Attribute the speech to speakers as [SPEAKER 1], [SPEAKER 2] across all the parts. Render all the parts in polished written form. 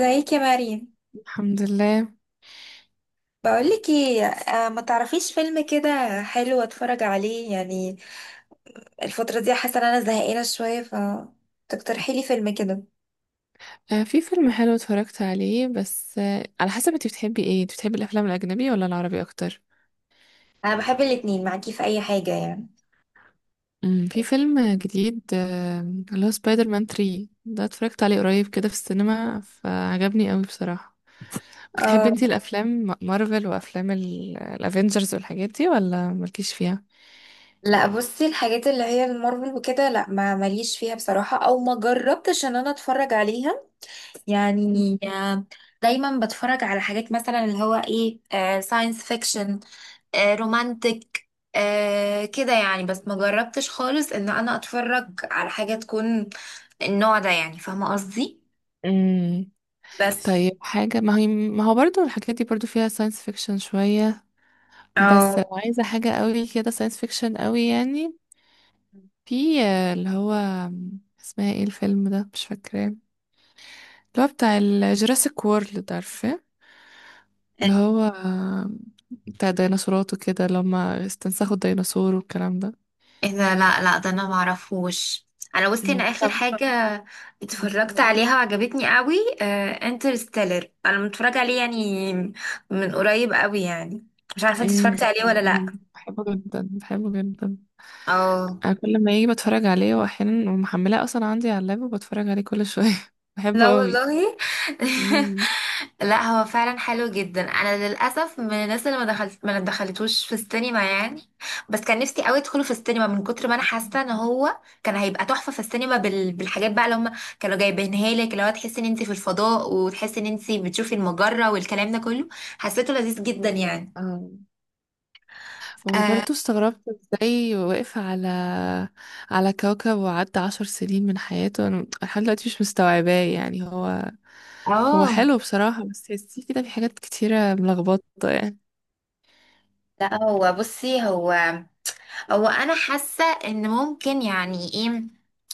[SPEAKER 1] ازيك يا مريم.
[SPEAKER 2] الحمد لله.
[SPEAKER 1] بقولك ايه، ما تعرفيش فيلم كده حلو اتفرج عليه يعني؟ الفترة دي حاسة ان انا زهقانة شوية، ف تقترحي لي فيلم كده.
[SPEAKER 2] في فيلم حلو اتفرجت عليه بس على حسب انت بتحبي ايه؟ انت بتحبي الافلام الاجنبيه ولا العربي اكتر؟
[SPEAKER 1] انا بحب الاتنين، معاكي في اي حاجة يعني.
[SPEAKER 2] في فيلم جديد، اللي هو سبايدر مان 3، ده اتفرجت عليه قريب كده في السينما فعجبني قوي بصراحه. بتحبي
[SPEAKER 1] اه،
[SPEAKER 2] انت الافلام مارفل وافلام الافينجرز والحاجات دي، ولا مالكيش فيها؟
[SPEAKER 1] لا بصي، الحاجات اللي هي المارفل وكده لا ما ماليش فيها بصراحة، او ما جربتش ان انا اتفرج عليها يعني. دايما بتفرج على حاجات مثلا اللي هو ايه، ساينس فيكشن، رومانتك، كده يعني، بس ما جربتش خالص ان انا اتفرج على حاجة تكون النوع ده يعني، فاهمة قصدي؟
[SPEAKER 2] امم
[SPEAKER 1] بس.
[SPEAKER 2] طيب، حاجه ما هو برضو الحاجات دي برضو فيها ساينس فيكشن شويه،
[SPEAKER 1] او
[SPEAKER 2] بس لو عايزه حاجه قوي كده ساينس فيكشن قوي يعني، في اللي هو، اسمها ايه الفيلم ده؟ مش فاكراه. اللي هو بتاع الجوراسيك وورلد، عارفة؟ اللي هو بتاع ديناصورات وكده، اللي هما استنسخوا الديناصور والكلام ده.
[SPEAKER 1] اذا، لا لا، ده انا ما اعرفوش. انا بصي، انا
[SPEAKER 2] مم.
[SPEAKER 1] اخر
[SPEAKER 2] طب،
[SPEAKER 1] حاجة اتفرجت عليها وعجبتني قوي انترستيلر، انا متفرجة عليه يعني من قريب قوي يعني. مش عارفة انت
[SPEAKER 2] امم
[SPEAKER 1] اتفرجتي عليه ولا لا.
[SPEAKER 2] انا بحبه جدا، بحبه جدا.
[SPEAKER 1] اه،
[SPEAKER 2] انا كل ما يجي بتفرج عليه، واحيانا ومحملاه اصلا عندي على اللاب وبتفرج عليه كل شويه
[SPEAKER 1] لا
[SPEAKER 2] بحبه قوي.
[SPEAKER 1] والله
[SPEAKER 2] مم.
[SPEAKER 1] لا هو فعلا حلو جدا. انا للاسف من الناس اللي ما دخلتوش في السينما يعني. بس كان نفسي قوي ادخله في السينما، من كتر ما انا حاسه ان هو كان هيبقى تحفه في السينما بالحاجات بقى اللي هم كانوا جايبينها لك، اللي هو تحسي ان انت في الفضاء، وتحسي ان انت بتشوفي المجره والكلام ده كله. حسيته لذيذ جدا يعني.
[SPEAKER 2] اه،
[SPEAKER 1] اه.
[SPEAKER 2] وبرضه استغربت ازاي وقف على كوكب وعدى عشر سنين من حياته. انا لحد دلوقتي مش مستوعباه يعني. هو
[SPEAKER 1] آه.
[SPEAKER 2] حلو بصراحة، بس تحسيه كده في حاجات كتيرة ملخبطة يعني.
[SPEAKER 1] لا هو بصي، هو انا حاسه ان ممكن يعني ايه،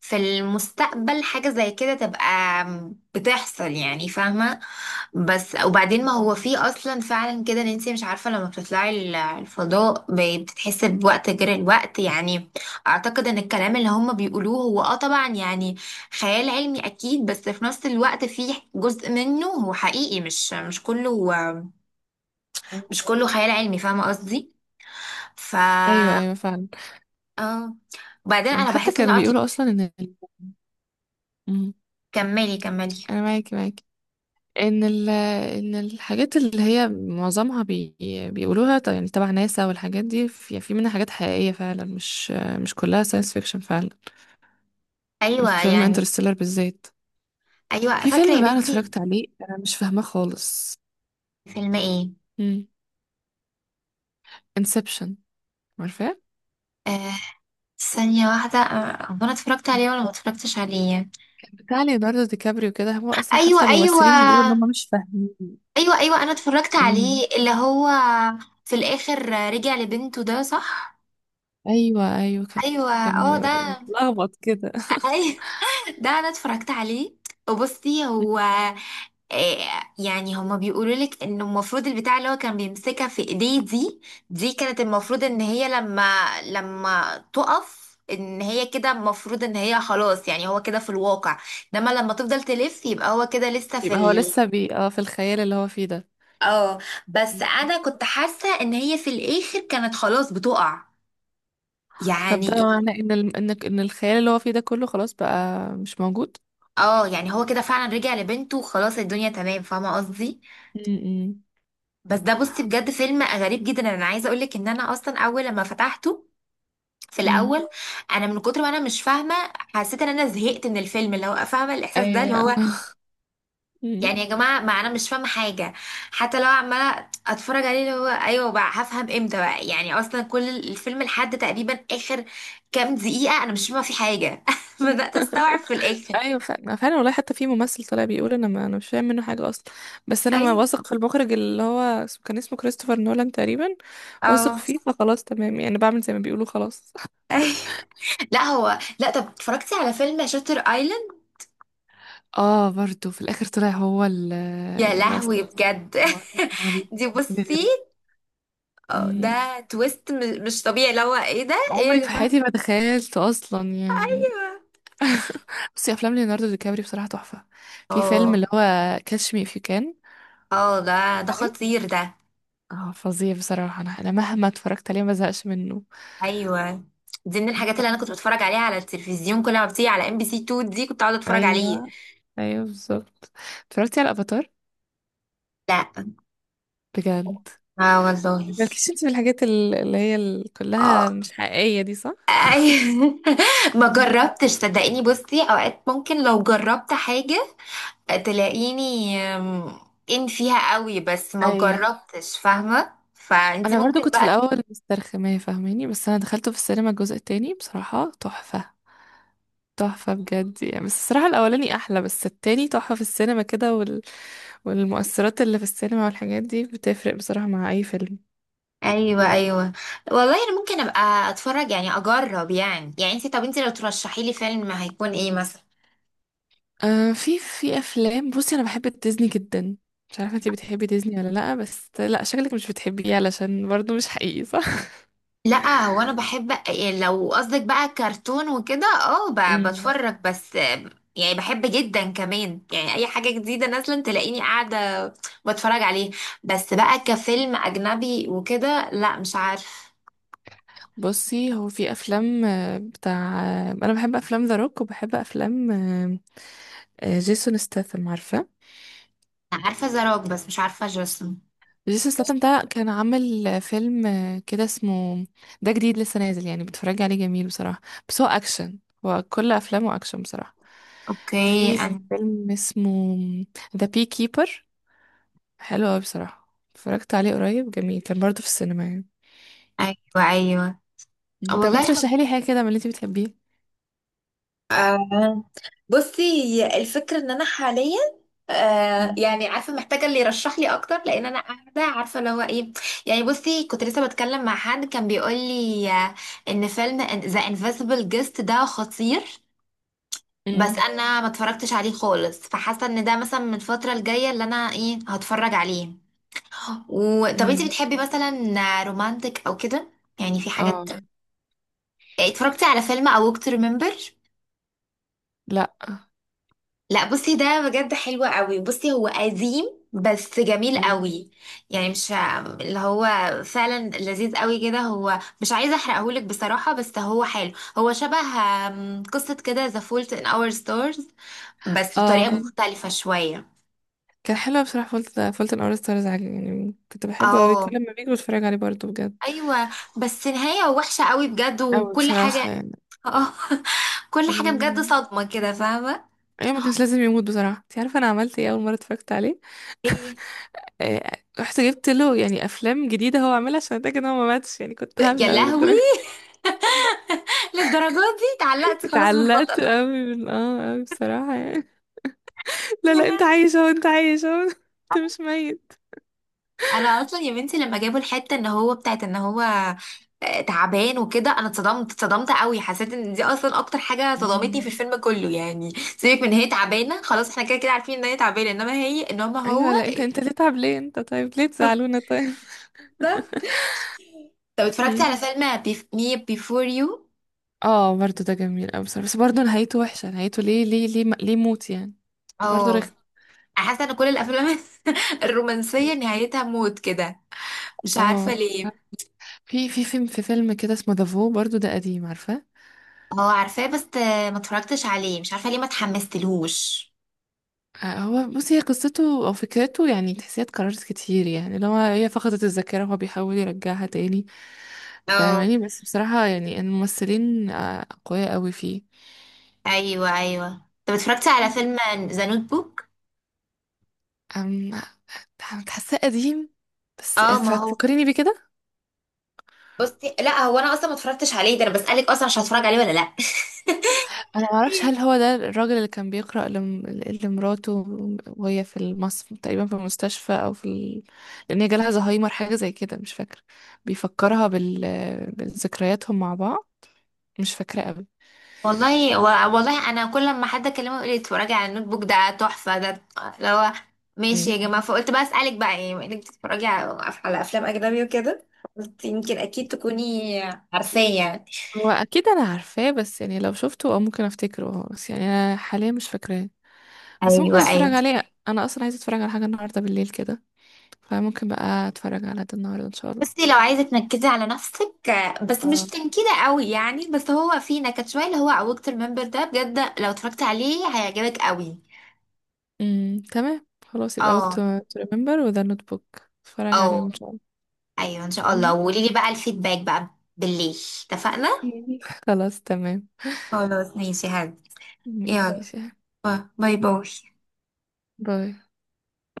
[SPEAKER 1] في المستقبل حاجه زي كده تبقى بتحصل يعني، فاهمه؟ بس وبعدين
[SPEAKER 2] مم.
[SPEAKER 1] ما هو في اصلا فعلا كده، ان انت مش عارفه لما بتطلعي الفضاء بتتحسي بوقت غير الوقت يعني. اعتقد ان الكلام اللي هم بيقولوه هو طبعا يعني خيال علمي اكيد، بس في نفس الوقت في جزء منه هو حقيقي، مش كله
[SPEAKER 2] مم.
[SPEAKER 1] مش كله خيال علمي، فاهمه قصدي؟ ف
[SPEAKER 2] ايوه، ايوه فعلا.
[SPEAKER 1] اه، وبعدين انا
[SPEAKER 2] حتى
[SPEAKER 1] بحس ان
[SPEAKER 2] كانوا
[SPEAKER 1] قطر.
[SPEAKER 2] بيقولوا اصلا ان ال-، مم،
[SPEAKER 1] كملي كملي.
[SPEAKER 2] انا معاكي، ان ال... ان الحاجات اللي هي معظمها بيقولوها يعني تبع ناسا والحاجات دي، في... في منها حاجات حقيقية فعلا، مش كلها ساينس فيكشن فعلا.
[SPEAKER 1] ايوه
[SPEAKER 2] فيلم
[SPEAKER 1] يعني.
[SPEAKER 2] انترستيلر بالذات.
[SPEAKER 1] ايوه
[SPEAKER 2] في
[SPEAKER 1] فاكره يا
[SPEAKER 2] فيلم بقى انا
[SPEAKER 1] بنتي.
[SPEAKER 2] اتفرجت عليه انا مش فاهماه خالص،
[SPEAKER 1] فيلم ايه؟
[SPEAKER 2] امم انسبشن، عارفاه؟
[SPEAKER 1] آه، ثانيه واحده، هو انا اتفرجت
[SPEAKER 2] مم.
[SPEAKER 1] عليه ولا ما اتفرجتش عليه؟
[SPEAKER 2] بتاع ليوناردو دي كابريو كده، هو اصلا
[SPEAKER 1] ايوه
[SPEAKER 2] حتى
[SPEAKER 1] ايوه.
[SPEAKER 2] الممثلين بيقولوا ان هم مش فاهمين.
[SPEAKER 1] ايوه ايوه، انا اتفرجت عليه،
[SPEAKER 2] امم
[SPEAKER 1] اللي هو في الاخر رجع لبنته، ده صح؟
[SPEAKER 2] ايوه، ايوه كان،
[SPEAKER 1] ايوه
[SPEAKER 2] كان
[SPEAKER 1] اه، ده
[SPEAKER 2] متلخبط كده
[SPEAKER 1] ايوه ده انا اتفرجت عليه. وبصي هو، آه، يعني هما بيقولوا لك انه المفروض البتاع اللي هو كان بيمسكها في ايديه دي، دي كانت المفروض ان هي لما لما تقف ان هي كده، المفروض ان هي خلاص يعني، هو كده في الواقع. انما لما تفضل تلف، يبقى هو كده لسه في
[SPEAKER 2] يبقى هو
[SPEAKER 1] ال.
[SPEAKER 2] لسه بي اه في الخيال اللي هو فيه ده.
[SPEAKER 1] اه، بس
[SPEAKER 2] مم.
[SPEAKER 1] انا كنت حاسة ان هي في الاخر كانت خلاص بتقع.
[SPEAKER 2] طب
[SPEAKER 1] يعني
[SPEAKER 2] ده
[SPEAKER 1] إيه؟
[SPEAKER 2] معناه ان ال...، ان ان الخيال اللي هو فيه ده كله خلاص بقى مش موجود.
[SPEAKER 1] اه يعني هو كده فعلا رجع لبنته وخلاص الدنيا تمام، فاهمة قصدي.
[SPEAKER 2] امم
[SPEAKER 1] بس ده بصي بجد فيلم غريب جدا. انا عايزة اقولك ان انا اصلا اول لما فتحته في
[SPEAKER 2] امم
[SPEAKER 1] الاول، انا من كتر ما انا مش فاهمه حسيت ان انا زهقت من الفيلم، اللي هو فاهمه الاحساس ده، اللي
[SPEAKER 2] ايوه
[SPEAKER 1] هو
[SPEAKER 2] مم.
[SPEAKER 1] يعني يا جماعه ما انا مش فاهمه حاجه. حتى لو عماله اتفرج عليه، اللي هو ايوه بقى هفهم امتى بقى يعني؟ اصلا كل الفيلم لحد تقريبا اخر كام دقيقه انا مش فاهمه في حاجه بدات استوعب في الاخر.
[SPEAKER 2] ايوه فعلا، فعلا والله. حتى في ممثل طلع بيقول انا، ما انا مش فاهم منه حاجه اصلا، بس انا ما
[SPEAKER 1] ايوه
[SPEAKER 2] واثق في المخرج اللي هو كان اسمه كريستوفر نولان تقريبا. واثق
[SPEAKER 1] اه
[SPEAKER 2] فيه فخلاص تمام يعني، بعمل زي ما بيقولوا خلاص
[SPEAKER 1] أيوة. لا هو، لا طب اتفرجتي على فيلم شاتر ايلاند؟
[SPEAKER 2] اه، برضو في الاخر طلع هو
[SPEAKER 1] يا
[SPEAKER 2] اللي
[SPEAKER 1] لهوي
[SPEAKER 2] اصلا
[SPEAKER 1] بجد.
[SPEAKER 2] هو هو
[SPEAKER 1] دي بصي،
[SPEAKER 2] بيغري.
[SPEAKER 1] اه
[SPEAKER 2] مم.
[SPEAKER 1] ده تويست مش طبيعي، اللي هو ايه ده، ايه
[SPEAKER 2] عمري
[SPEAKER 1] يا
[SPEAKER 2] في
[SPEAKER 1] جماعه!
[SPEAKER 2] حياتي ما تخيلت اصلا يعني. بصي، افلام ليوناردو دي كابري بصراحه تحفه. في فيلم اللي
[SPEAKER 1] اه
[SPEAKER 2] هو كاتش مي اف يو كان،
[SPEAKER 1] اه، ده خطير ده.
[SPEAKER 2] اه فظيع بصراحه، انا مهما اتفرجت عليه ما زهقش منه.
[SPEAKER 1] ايوه، دي من الحاجات اللي انا
[SPEAKER 2] تحفة.
[SPEAKER 1] كنت بتفرج عليها على التلفزيون، كل ما بتيجي على ام بي سي 2 دي كنت اقعد اتفرج
[SPEAKER 2] ايوه،
[SPEAKER 1] عليه.
[SPEAKER 2] ايوه بالظبط. اتفرجتي على افاتار؟
[SPEAKER 1] لا.
[SPEAKER 2] بجد،
[SPEAKER 1] اه والله.
[SPEAKER 2] مالكيش انت في الحاجات ال-، اللي هي ال- كلها
[SPEAKER 1] اه
[SPEAKER 2] مش حقيقية دي، صح؟
[SPEAKER 1] أيوة. ما
[SPEAKER 2] مم.
[SPEAKER 1] جربتش صدقيني. بصي، اوقات ممكن لو جربت حاجة تلاقيني ان فيها قوي، بس ما
[SPEAKER 2] ايوه.
[SPEAKER 1] جربتش، فاهمة؟ فانتي
[SPEAKER 2] انا برضو
[SPEAKER 1] ممكن
[SPEAKER 2] كنت في
[SPEAKER 1] بقى.
[SPEAKER 2] الاول مسترخمه، فاهماني؟ بس انا دخلته في السينما الجزء التاني بصراحه تحفه، تحفه بجد يعني. بس الصراحه الاولاني احلى، بس التاني تحفه في السينما كده. وال...، والمؤثرات اللي في السينما والحاجات دي بتفرق بصراحه مع اي فيلم.
[SPEAKER 1] ايوه ايوه. والله انا ممكن ابقى اتفرج يعني، اجرب يعني يعني، انت طب انت لو ترشحي لي فيلم ما هيكون ايه مثلا؟
[SPEAKER 2] آه، في افلام، بصي انا بحب ديزني جدا، مش عارفه انتي بتحبي ديزني ولا لا، بس لا شكلك مش بتحبيه علشان برضو مش حقيقي، صح؟
[SPEAKER 1] لا هو انا بحب، لو قصدك بقى كرتون وكده اه،
[SPEAKER 2] امم
[SPEAKER 1] بتفرج بس يعني، بحب جدا كمان يعني. اي حاجه جديده نازله تلاقيني قاعده بتفرج عليه. بس بقى كفيلم اجنبي وكده لا مش عارفه.
[SPEAKER 2] بصي، هو في افلام بتاع، انا بحب افلام ذا روك، وبحب افلام جيسون ستاثام، عارفه؟
[SPEAKER 1] عارفه زراك بس مش عارفه جسم.
[SPEAKER 2] جيسون ستاثام ده كان عامل فيلم كده اسمه، ده جديد لسه نازل يعني، بتفرج عليه جميل بصراحه. بس هو اكشن، هو كل افلامه اكشن بصراحه.
[SPEAKER 1] اوكي
[SPEAKER 2] في
[SPEAKER 1] أنا.
[SPEAKER 2] فيلم اسمه ذا بي كيبر، حلو أوي بصراحة، اتفرجت عليه قريب، جميل كان برضه في السينما يعني.
[SPEAKER 1] ايوه ايوه.
[SPEAKER 2] مم. طب انت
[SPEAKER 1] والله
[SPEAKER 2] رشحي لي حاجة كده من اللي انت بتحبيه.
[SPEAKER 1] مم، بصي هي الفكرة ان انا حاليا،
[SPEAKER 2] مم.
[SPEAKER 1] يعني عارفة، محتاجة اللي يرشح لي اكتر، لان انا قاعدة عارفة اللي هو ايه. يعني بصي، كنت لسه بتكلم مع حد كان بيقول لي ان فيلم ذا انفيزبل جيست ده خطير. بس
[SPEAKER 2] مم.
[SPEAKER 1] انا ما اتفرجتش عليه خالص، فحاسة ان ده مثلا من الفترة الجاية اللي انا ايه هتفرج عليه. طب انتي
[SPEAKER 2] مم.
[SPEAKER 1] بتحبي مثلا رومانتك او كده يعني؟ في
[SPEAKER 2] اه.
[SPEAKER 1] حاجات يعني، اتفرجتي على فيلم A Walk to Remember؟
[SPEAKER 2] لا.
[SPEAKER 1] لا بصي ده بجد حلو قوي. بصي هو قديم بس جميل
[SPEAKER 2] مم.
[SPEAKER 1] قوي، يعني مش، اللي هو فعلا لذيذ قوي كده، هو مش عايزه احرقهولك بصراحه بس هو حلو. هو شبه، قصه كده ذا فولت ان اور ستارز، بس
[SPEAKER 2] اه
[SPEAKER 1] بطريقه مختلفه شويه.
[SPEAKER 2] كان حلو بصراحة، فولت فولت اور ستارز يعني، كنت بحبه أوي،
[SPEAKER 1] اه.
[SPEAKER 2] كل ما بيجي بتفرج عليه برضه بجد.
[SPEAKER 1] ايوه، بس نهايه وحشه قوي بجد
[SPEAKER 2] أوي
[SPEAKER 1] وكل حاجه.
[SPEAKER 2] بصراحة يعني.
[SPEAKER 1] اه كل حاجه بجد
[SPEAKER 2] مم.
[SPEAKER 1] صدمه كده، فاهمه؟
[SPEAKER 2] ايوه، ما كانش لازم يموت بصراحة. انت عارفة انا عملت ايه اول مرة اتفرجت عليه؟
[SPEAKER 1] ايه؟
[SPEAKER 2] آه، رحت جبت له يعني افلام جديدة هو عاملها عشان اتاكد ان هو ما ماتش يعني، كنت
[SPEAKER 1] يا
[SPEAKER 2] هبلة أوي
[SPEAKER 1] لهوي،
[SPEAKER 2] للدرجة
[SPEAKER 1] للدرجه دي اتعلقتي خلاص
[SPEAKER 2] اتعلقت
[SPEAKER 1] بالبطل؟
[SPEAKER 2] أوي، من أوي بصراحة يعني. لا
[SPEAKER 1] يا
[SPEAKER 2] لا، انت
[SPEAKER 1] لهوي.
[SPEAKER 2] عايش اهو، انت عايش اهو انت مش ميت.
[SPEAKER 1] انا اصلا يا بنتي لما جابوا الحته ان هو، بتاعت ان هو تعبان وكده، انا اتصدمت اتصدمت قوي. حسيت ان دي اصلا اكتر حاجه صدمتني في
[SPEAKER 2] مم.
[SPEAKER 1] الفيلم كله يعني. سيبك من هي تعبانه خلاص، احنا كده كده عارفين ان هي تعبانه، انما هي، انما هو.
[SPEAKER 2] ايوه لا، انت تتعب ليه؟ انت طيب ليه تزعلونا طيب؟
[SPEAKER 1] بالظبط. طب اتفرجتي على
[SPEAKER 2] مم.
[SPEAKER 1] فيلم مي بيفور يو؟
[SPEAKER 2] اه برضو ده جميل اوي بصراحة، بس برضو نهايته وحشة. نهايته ليه، ليه، ليه، ليه موت يعني؟ برضو
[SPEAKER 1] اه،
[SPEAKER 2] رخم.
[SPEAKER 1] أنا حاسه ان كل الافلام الرومانسيه نهايتها موت كده، مش عارفه
[SPEAKER 2] اه،
[SPEAKER 1] ليه.
[SPEAKER 2] في فيلم كده اسمه دافو، برضو ده قديم، عارفة؟
[SPEAKER 1] اه عارفاه بس ما اتفرجتش عليه، مش عارفه ليه ما اتحمستلهوش.
[SPEAKER 2] هو بصي، هي قصته او فكرته يعني تحسيها اتكررت كتير يعني، لو هي فقدت الذاكرة وهو بيحاول يرجعها تاني،
[SPEAKER 1] آه.
[SPEAKER 2] فاهماني؟ بس بصراحة يعني الممثلين اقوياء قوي فيه.
[SPEAKER 1] ايوه ايوه، طب اتفرجتي على فيلم ذا نوت بوك؟
[SPEAKER 2] أم حاساه قديم، بس
[SPEAKER 1] اه ما هو،
[SPEAKER 2] فكريني بيه كده.
[SPEAKER 1] بصي لا هو انا اصلا ما اتفرجتش عليه، ده انا بسالك اصلا مش هتفرج عليه ولا لا.
[SPEAKER 2] انا ما اعرفش هل هو ده الراجل اللي كان بيقرأ لم... لمراته وهي في المصف تقريبا في المستشفى، او لان هي جالها زهايمر حاجه زي كده مش فاكره، بيفكرها بذكرياتهم مع بعض؟ مش فاكره قوي.
[SPEAKER 1] والله، والله انا كل لما حد اكلمه يقول لي اتفرجي على النوت بوك ده تحفه ده، اللي هو ماشي
[SPEAKER 2] مم.
[SPEAKER 1] يا جماعه، فقلت بقى اسالك بقى ايه بما انك بتتفرجي على افلام اجنبي وكده، قلت يمكن اكيد تكوني عارفاه يعني.
[SPEAKER 2] هو اكيد انا عارفاه، بس يعني لو شفته او ممكن افتكره بس يعني انا حاليا مش فاكراه. بس ممكن
[SPEAKER 1] ايوه ايوه.
[SPEAKER 2] اتفرج عليه، انا اصلا عايزه اتفرج على حاجه النهارده بالليل كده، فممكن بقى اتفرج على ده النهارده ان شاء
[SPEAKER 1] بصي لو عايزة تنكدي على نفسك بس مش
[SPEAKER 2] الله.
[SPEAKER 1] تنكدة قوي يعني، بس هو في نكد شوية اللي هو أوكت الممبر ده، بجد لو اتفرجت عليه هيعجبك قوي.
[SPEAKER 2] تمام، خلاص يبقى وقت
[SPEAKER 1] اه.
[SPEAKER 2] تو ريمبر وذا نوت بوك، اتفرج عليهم
[SPEAKER 1] اه
[SPEAKER 2] ان شاء الله.
[SPEAKER 1] ايوه ان شاء الله، وقولي لي بقى الفيدباك بقى بالليل، اتفقنا؟
[SPEAKER 2] مم. خلاص تمام.
[SPEAKER 1] خلاص ماشي هاد. يلا.
[SPEAKER 2] ماشي.
[SPEAKER 1] باي باي.
[SPEAKER 2] باي.